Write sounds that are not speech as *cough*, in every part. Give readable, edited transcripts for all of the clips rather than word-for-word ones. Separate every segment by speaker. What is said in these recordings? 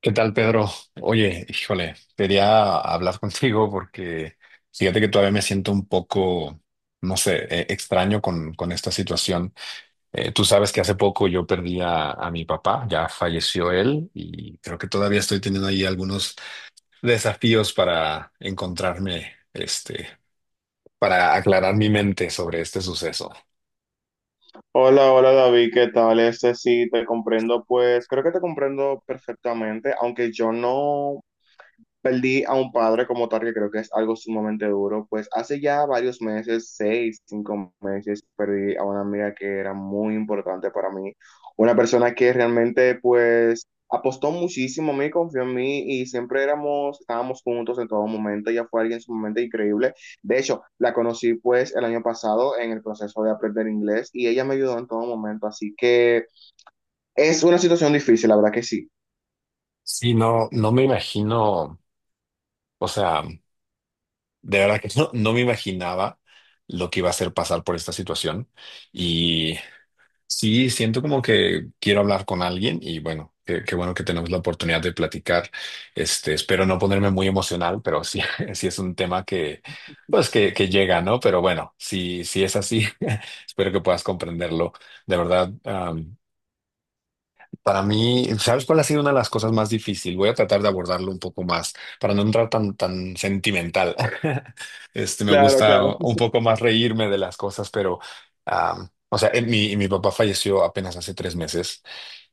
Speaker 1: ¿Qué tal, Pedro? Oye, híjole, quería hablar contigo porque fíjate que todavía me siento un poco, no sé, extraño con esta situación. Tú sabes que hace poco yo perdí a mi papá, ya falleció él y creo que todavía estoy teniendo ahí algunos desafíos para encontrarme, para aclarar mi mente sobre este suceso.
Speaker 2: Hola, hola David, ¿qué tal? Sí, te comprendo, pues creo que te comprendo perfectamente, aunque yo no, perdí a un padre como tal, que creo que es algo sumamente duro. Pues hace ya varios meses, seis, cinco meses, perdí a una amiga que era muy importante para mí. Una persona que realmente, pues, apostó muchísimo a mí, confió en mí y siempre estábamos juntos en todo momento. Ella fue alguien sumamente increíble. De hecho, la conocí, pues, el año pasado en el proceso de aprender inglés y ella me ayudó en todo momento. Así que es una situación difícil, la verdad que sí.
Speaker 1: Sí, no me imagino, o sea. De verdad que *laughs* no me imaginaba lo que iba a ser pasar por esta situación. Y sí, siento como que quiero hablar con alguien y bueno, qué bueno que tenemos la oportunidad de platicar. Espero no ponerme muy emocional, pero sí, *laughs* sí es un tema que llega, ¿no? Pero bueno, si es así, *laughs* espero que puedas comprenderlo. De verdad, para mí, ¿sabes cuál ha sido una de las cosas más difíciles? Voy a tratar de abordarlo un poco más para no entrar tan sentimental. *laughs* Me
Speaker 2: Claro,
Speaker 1: gusta
Speaker 2: claro.
Speaker 1: un poco más reírme de las cosas, pero, o sea, mi papá falleció apenas hace 3 meses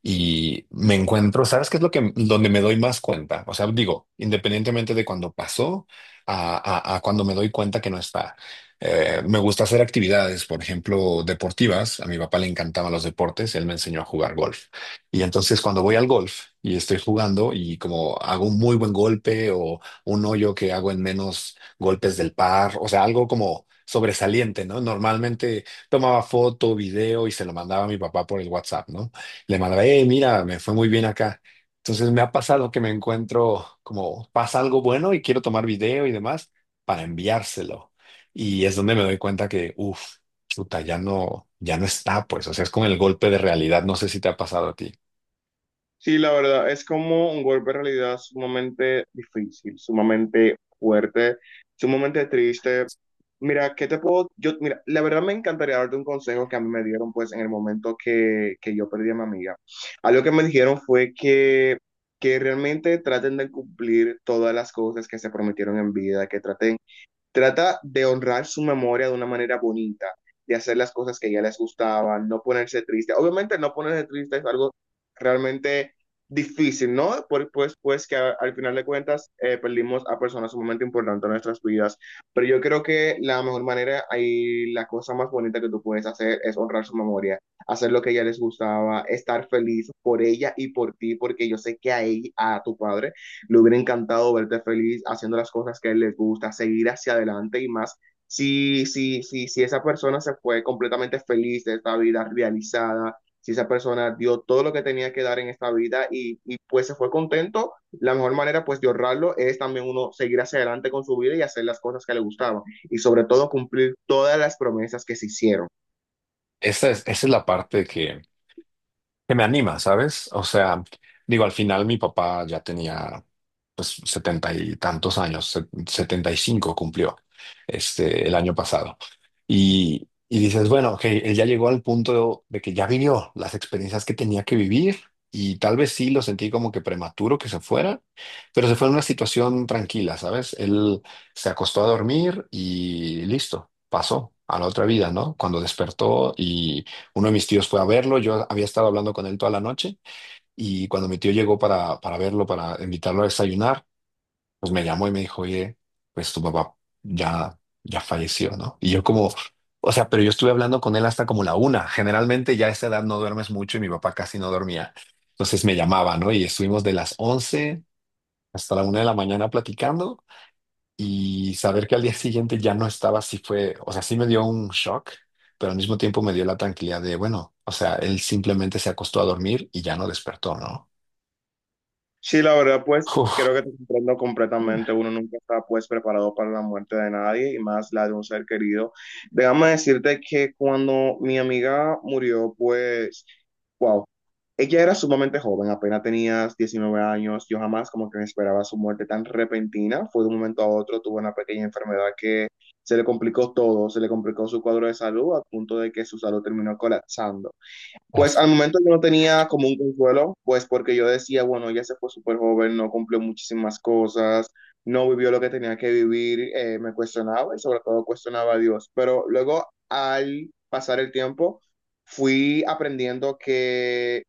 Speaker 1: y me encuentro, ¿sabes qué es donde me doy más cuenta? O sea, digo, independientemente de cuando pasó a, a cuando me doy cuenta que no está. Me gusta hacer actividades, por ejemplo, deportivas. A mi papá le encantaban los deportes, él me enseñó a jugar golf. Y entonces cuando voy al golf y estoy jugando y como hago un muy buen golpe o un hoyo que hago en menos golpes del par, o sea, algo como sobresaliente, ¿no? Normalmente tomaba foto, video y se lo mandaba a mi papá por el WhatsApp, ¿no? Le mandaba, hey, mira, me fue muy bien acá. Entonces me ha pasado que me encuentro como pasa algo bueno y quiero tomar video y demás para enviárselo. Y es donde me doy cuenta que, uff, chuta, ya no está, pues, o sea, es como el golpe de realidad, no sé si te ha pasado a ti.
Speaker 2: Sí, la verdad, es como un golpe de realidad sumamente difícil, sumamente fuerte, sumamente triste. Mira, ¿qué te puedo? Yo, mira, la verdad me encantaría darte un consejo que a mí me dieron pues en el momento que yo perdí a mi amiga. Algo que me dijeron fue que realmente traten de cumplir todas las cosas que se prometieron en vida, que traten trata de honrar su memoria de una manera bonita, de hacer las cosas que ya les gustaban, no ponerse triste. Obviamente no ponerse triste es algo realmente difícil, ¿no? Pues que al final de cuentas perdimos a personas sumamente importantes en nuestras vidas. Pero yo creo que la mejor manera y la cosa más bonita que tú puedes hacer es honrar su memoria, hacer lo que a ella les gustaba, estar feliz por ella y por ti, porque yo sé que a ella, a tu padre, le hubiera encantado verte feliz haciendo las cosas que a él le gusta, seguir hacia adelante y más. Si esa persona se fue completamente feliz de esta vida realizada, si esa persona dio todo lo que tenía que dar en esta vida pues se fue contento, la mejor manera pues de ahorrarlo es también uno seguir hacia adelante con su vida y hacer las cosas que le gustaban y sobre todo cumplir todas las promesas que se hicieron.
Speaker 1: Esa es la parte que me anima, ¿sabes? O sea, digo, al final mi papá ya tenía pues setenta y tantos años, 75 cumplió el año pasado. Y dices, bueno, ok, él ya llegó al punto de que ya vivió las experiencias que tenía que vivir y tal vez sí lo sentí como que prematuro que se fuera, pero se fue en una situación tranquila, ¿sabes? Él se acostó a dormir y listo, pasó a la otra vida, ¿no? Cuando despertó y uno de mis tíos fue a verlo, yo había estado hablando con él toda la noche y cuando mi tío llegó para verlo, para invitarlo a desayunar, pues me llamó y me dijo, oye, pues tu papá ya falleció, ¿no? Y yo como, o sea, pero yo estuve hablando con él hasta como la una. Generalmente ya a esa edad no duermes mucho y mi papá casi no dormía. Entonces me llamaba, ¿no? Y estuvimos de las 11 hasta la una de la mañana platicando y saber que al día siguiente ya no estaba, sí fue, o sea, sí me dio un shock, pero al mismo tiempo me dio la tranquilidad de, bueno, o sea, él simplemente se acostó a dormir y ya no despertó, ¿no?
Speaker 2: Sí, la verdad, pues
Speaker 1: Uf,
Speaker 2: creo que te comprendo completamente. Uno nunca está pues preparado para la muerte de nadie y más la de un ser querido. Déjame decirte que cuando mi amiga murió, pues ella era sumamente joven, apenas tenía 19 años. Yo jamás como que me esperaba su muerte tan repentina. Fue de un momento a otro, tuvo una pequeña enfermedad que se le complicó todo, se le complicó su cuadro de salud a punto de que su salud terminó colapsando. Pues
Speaker 1: uf,
Speaker 2: al momento yo no tenía como un consuelo, pues porque yo decía, bueno, ella se fue súper joven, no cumplió muchísimas cosas, no vivió lo que tenía que vivir, me cuestionaba y sobre todo cuestionaba a Dios. Pero luego al pasar el tiempo, fui aprendiendo que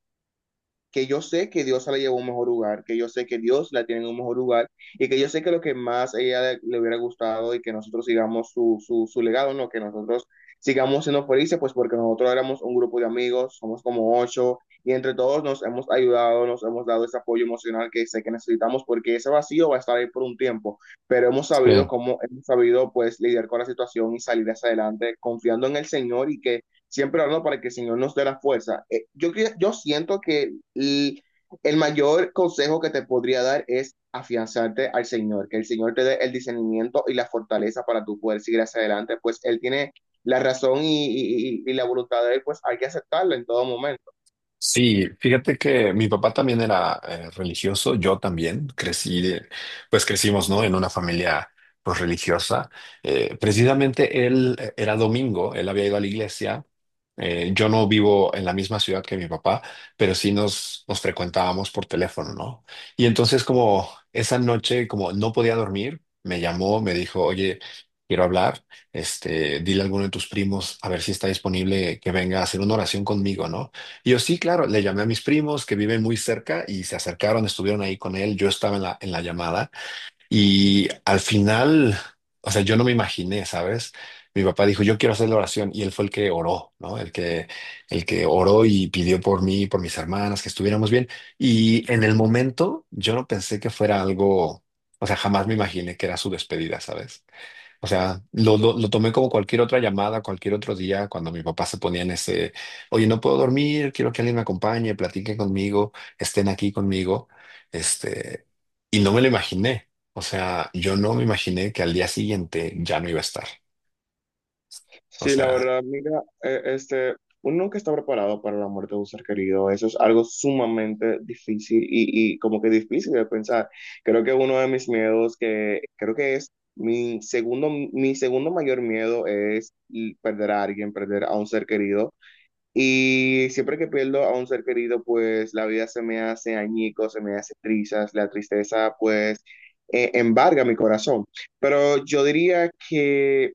Speaker 2: que yo sé que Dios la llevó a un mejor lugar, que yo sé que Dios la tiene en un mejor lugar y que yo sé que lo que más a ella le hubiera gustado y que nosotros sigamos su legado, ¿no? Que nosotros sigamos siendo felices, pues porque nosotros éramos un grupo de amigos, somos como ocho y entre todos nos hemos ayudado, nos hemos dado ese apoyo emocional que sé que necesitamos porque ese vacío va a estar ahí por un tiempo, pero
Speaker 1: sí.
Speaker 2: hemos sabido pues lidiar con la situación y salir hacia adelante confiando en el Señor y que siempre hablando para que el Señor nos dé la fuerza. Yo siento que y el mayor consejo que te podría dar es afianzarte al Señor, que el Señor te dé el discernimiento y la fortaleza para tú poder seguir hacia adelante, pues Él tiene la razón y la voluntad de Él, pues hay que aceptarla en todo momento.
Speaker 1: Sí, fíjate que mi papá también era religioso, yo también crecí, pues crecimos, ¿no? En una familia pues religiosa. Precisamente él era domingo, él había ido a la iglesia. Yo no vivo en la misma ciudad que mi papá, pero sí nos frecuentábamos por teléfono, ¿no? Y entonces como esa noche, como no podía dormir, me llamó, me dijo, oye, quiero hablar, dile a alguno de tus primos a ver si está disponible que venga a hacer una oración conmigo, ¿no? Y yo sí, claro, le llamé a mis primos que viven muy cerca y se acercaron, estuvieron ahí con él, yo estaba en la llamada. Y al final, o sea, yo no me imaginé, ¿sabes? Mi papá dijo, yo quiero hacer la oración y él fue el que oró, ¿no? El que oró y pidió por mí, y por mis hermanas, que estuviéramos bien. Y en el momento yo no pensé que fuera algo, o sea, jamás me imaginé que era su despedida, ¿sabes? O sea, lo tomé como cualquier otra llamada, cualquier otro día, cuando mi papá se ponía en ese, oye, no puedo dormir, quiero que alguien me acompañe, platiquen conmigo, estén aquí conmigo. Este, y no me lo imaginé. O sea, yo no me imaginé que al día siguiente ya no iba a estar. O
Speaker 2: Sí, la
Speaker 1: sea,
Speaker 2: verdad, mira, uno nunca está preparado para la muerte de un ser querido. Eso es algo sumamente difícil y como que difícil de pensar. Creo que uno de mis miedos, que creo que es mi segundo mayor miedo es y perder a alguien, perder a un ser querido. Y siempre que pierdo a un ser querido, pues la vida se me hace añico, se me hace trizas, la tristeza pues embarga mi corazón. Pero yo diría que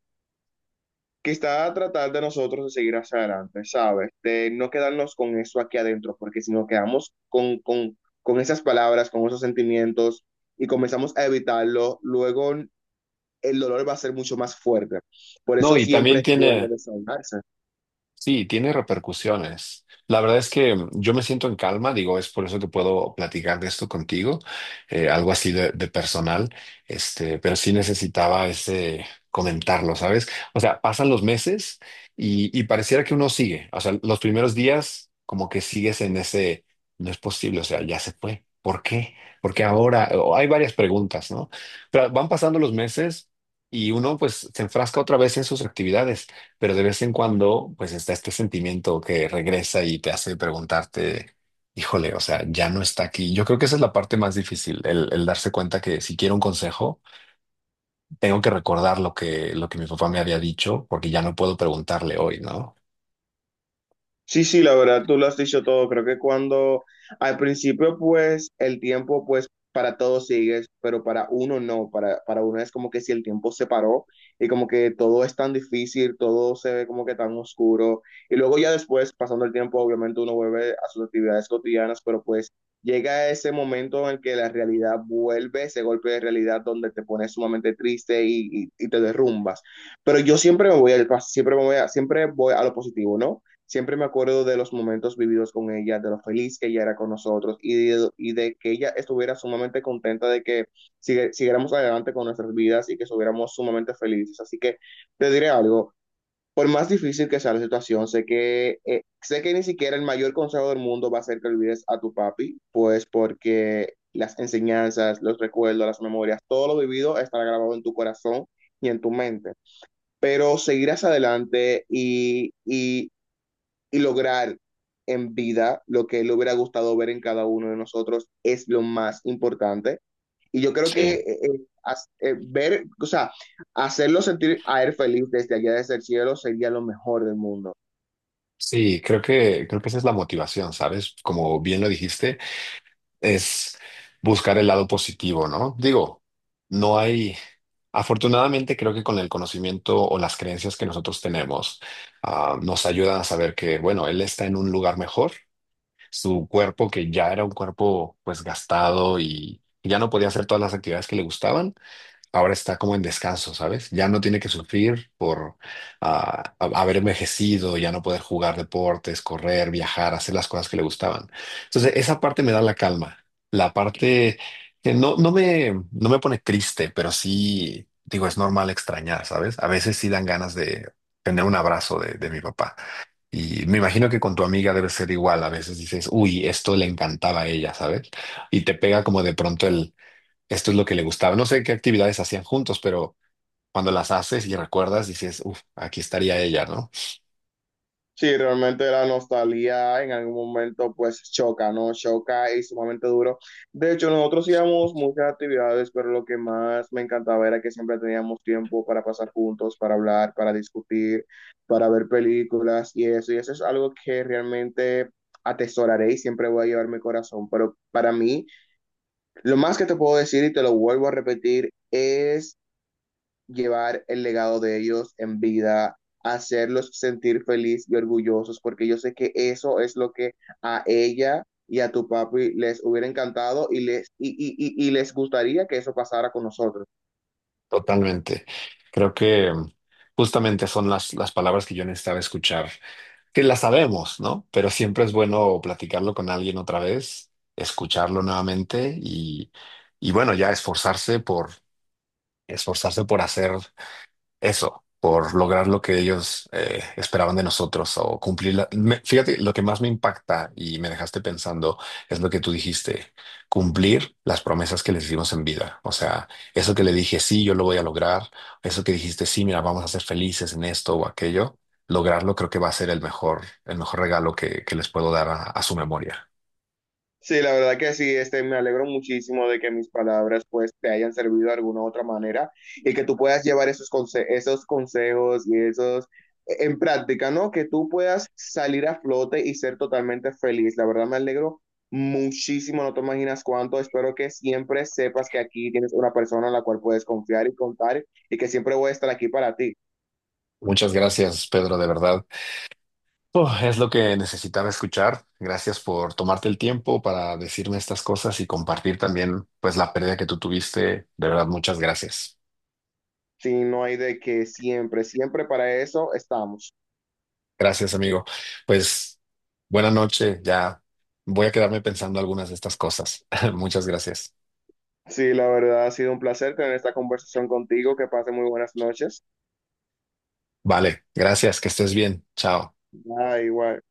Speaker 2: quizá tratar de nosotros de seguir hacia adelante, ¿sabes? De no quedarnos con eso aquí adentro, porque si nos quedamos con esas palabras, con esos sentimientos y comenzamos a evitarlo, luego el dolor va a ser mucho más fuerte. Por
Speaker 1: no,
Speaker 2: eso
Speaker 1: y
Speaker 2: siempre
Speaker 1: también
Speaker 2: es bueno
Speaker 1: tiene.
Speaker 2: desahogarse.
Speaker 1: Sí, tiene repercusiones. La verdad es que yo me siento en calma, digo, es por eso que puedo platicar de esto contigo, algo así de personal, pero sí necesitaba ese comentarlo, ¿sabes? O sea, pasan los meses y pareciera que uno sigue, o sea, los primeros días como que sigues en ese, no es posible, o sea, ya se fue. ¿Por qué? Porque ahora o hay varias preguntas, ¿no? Pero van pasando los meses y uno pues se enfrasca otra vez en sus actividades, pero de vez en cuando, pues está este sentimiento que regresa y te hace preguntarte, híjole, o sea, ya no está aquí. Yo creo que esa es la parte más difícil, el darse cuenta que si quiero un consejo, tengo que recordar lo que mi papá me había dicho, porque ya no puedo preguntarle hoy, ¿no?
Speaker 2: Sí, sí, la verdad, tú lo has dicho todo. Creo que cuando al principio, pues, el tiempo, pues, para todos sigues, pero para uno no. Para uno es como que si el tiempo se paró y como que todo es tan difícil, todo se ve como que tan oscuro. Y luego ya después, pasando el tiempo, obviamente uno vuelve a sus actividades cotidianas, pero pues llega ese momento en el que la realidad vuelve, ese golpe de realidad donde te pones sumamente triste y te derrumbas. Pero yo siempre voy a lo positivo, ¿no? Siempre me acuerdo de los momentos vividos con ella, de lo feliz que ella era con nosotros y de que ella estuviera sumamente contenta de que siguiéramos adelante con nuestras vidas y que estuviéramos sumamente felices. Así que te diré algo, por más difícil que sea la situación, sé que ni siquiera el mayor consejo del mundo va a ser que olvides a tu papi, pues porque las enseñanzas, los recuerdos, las memorias, todo lo vivido estará grabado en tu corazón y en tu mente pero seguirás adelante y lograr en vida lo que le hubiera gustado ver en cada uno de nosotros es lo más importante. Y yo creo
Speaker 1: Sí.
Speaker 2: que ver, o sea, hacerlo sentir a él feliz desde allá desde el cielo sería lo mejor del mundo.
Speaker 1: Sí, creo que esa es la motivación, ¿sabes? Como bien lo dijiste. Es buscar el lado positivo, ¿no? Digo, no hay, afortunadamente creo que con el conocimiento o las creencias que nosotros tenemos, nos ayudan a saber que, bueno, él está en un lugar mejor, su cuerpo que ya era un cuerpo pues gastado y ya no podía hacer todas las actividades que le gustaban, ahora está como en descanso, ¿sabes? Ya no tiene que sufrir por haber envejecido, ya no poder jugar deportes, correr, viajar, hacer las cosas que le gustaban. Entonces, esa parte me da la calma. La parte que no me pone triste, pero sí, digo, es normal extrañar, ¿sabes? A veces sí dan ganas de tener un abrazo de mi papá. Y me imagino que con tu amiga debe ser igual. A veces dices, uy, esto le encantaba a ella, ¿sabes? Y te pega como de pronto el esto es lo que le gustaba. No sé qué actividades hacían juntos, pero cuando las haces y recuerdas, dices, uff, aquí estaría ella, ¿no?
Speaker 2: Sí, realmente la nostalgia en algún momento pues choca, ¿no? Choca y sumamente duro. De hecho, nosotros hacíamos muchas actividades, pero lo que más me encantaba era que siempre teníamos tiempo para pasar juntos, para hablar, para discutir, para ver películas y eso. Y eso es algo que realmente atesoraré y siempre voy a llevar mi corazón. Pero para mí, lo más que te puedo decir y te lo vuelvo a repetir es llevar el legado de ellos en vida, hacerlos sentir feliz y orgullosos, porque yo sé que eso es lo que a ella y a tu papi les hubiera encantado y les gustaría que eso pasara con nosotros.
Speaker 1: Totalmente. Creo que justamente son las palabras que yo necesitaba escuchar, que las sabemos, ¿no? Pero siempre es bueno platicarlo con alguien otra vez, escucharlo nuevamente y bueno, ya esforzarse por, hacer eso, por lograr lo que ellos esperaban de nosotros o cumplir la... fíjate, lo que más me impacta y me dejaste pensando es lo que tú dijiste, cumplir las promesas que les hicimos en vida. O sea, eso que le dije, sí, yo lo voy a lograr, eso que dijiste, sí, mira, vamos a ser felices en esto o aquello, lograrlo creo que va a ser el mejor regalo que les puedo dar a su memoria.
Speaker 2: Sí, la verdad que sí, me alegro muchísimo de que mis palabras pues te hayan servido de alguna u otra manera y que tú puedas llevar esos consejos y en práctica, ¿no? Que tú puedas salir a flote y ser totalmente feliz. La verdad me alegro muchísimo, no te imaginas cuánto. Espero que siempre sepas que aquí tienes una persona en la cual puedes confiar y contar y que siempre voy a estar aquí para ti.
Speaker 1: Muchas gracias, Pedro, de verdad. Oh, es lo que necesitaba escuchar. Gracias por tomarte el tiempo para decirme estas cosas y compartir también, pues, la pérdida que tú tuviste. De verdad, muchas gracias.
Speaker 2: Si no hay de que siempre, siempre para eso estamos.
Speaker 1: Gracias, amigo. Pues, buena noche. Ya voy a quedarme pensando algunas de estas cosas. *laughs* Muchas gracias.
Speaker 2: Sí, la verdad ha sido un placer tener esta conversación contigo. Que pase muy buenas noches.
Speaker 1: Vale, gracias. Que estés bien. Chao.
Speaker 2: Bye, igual.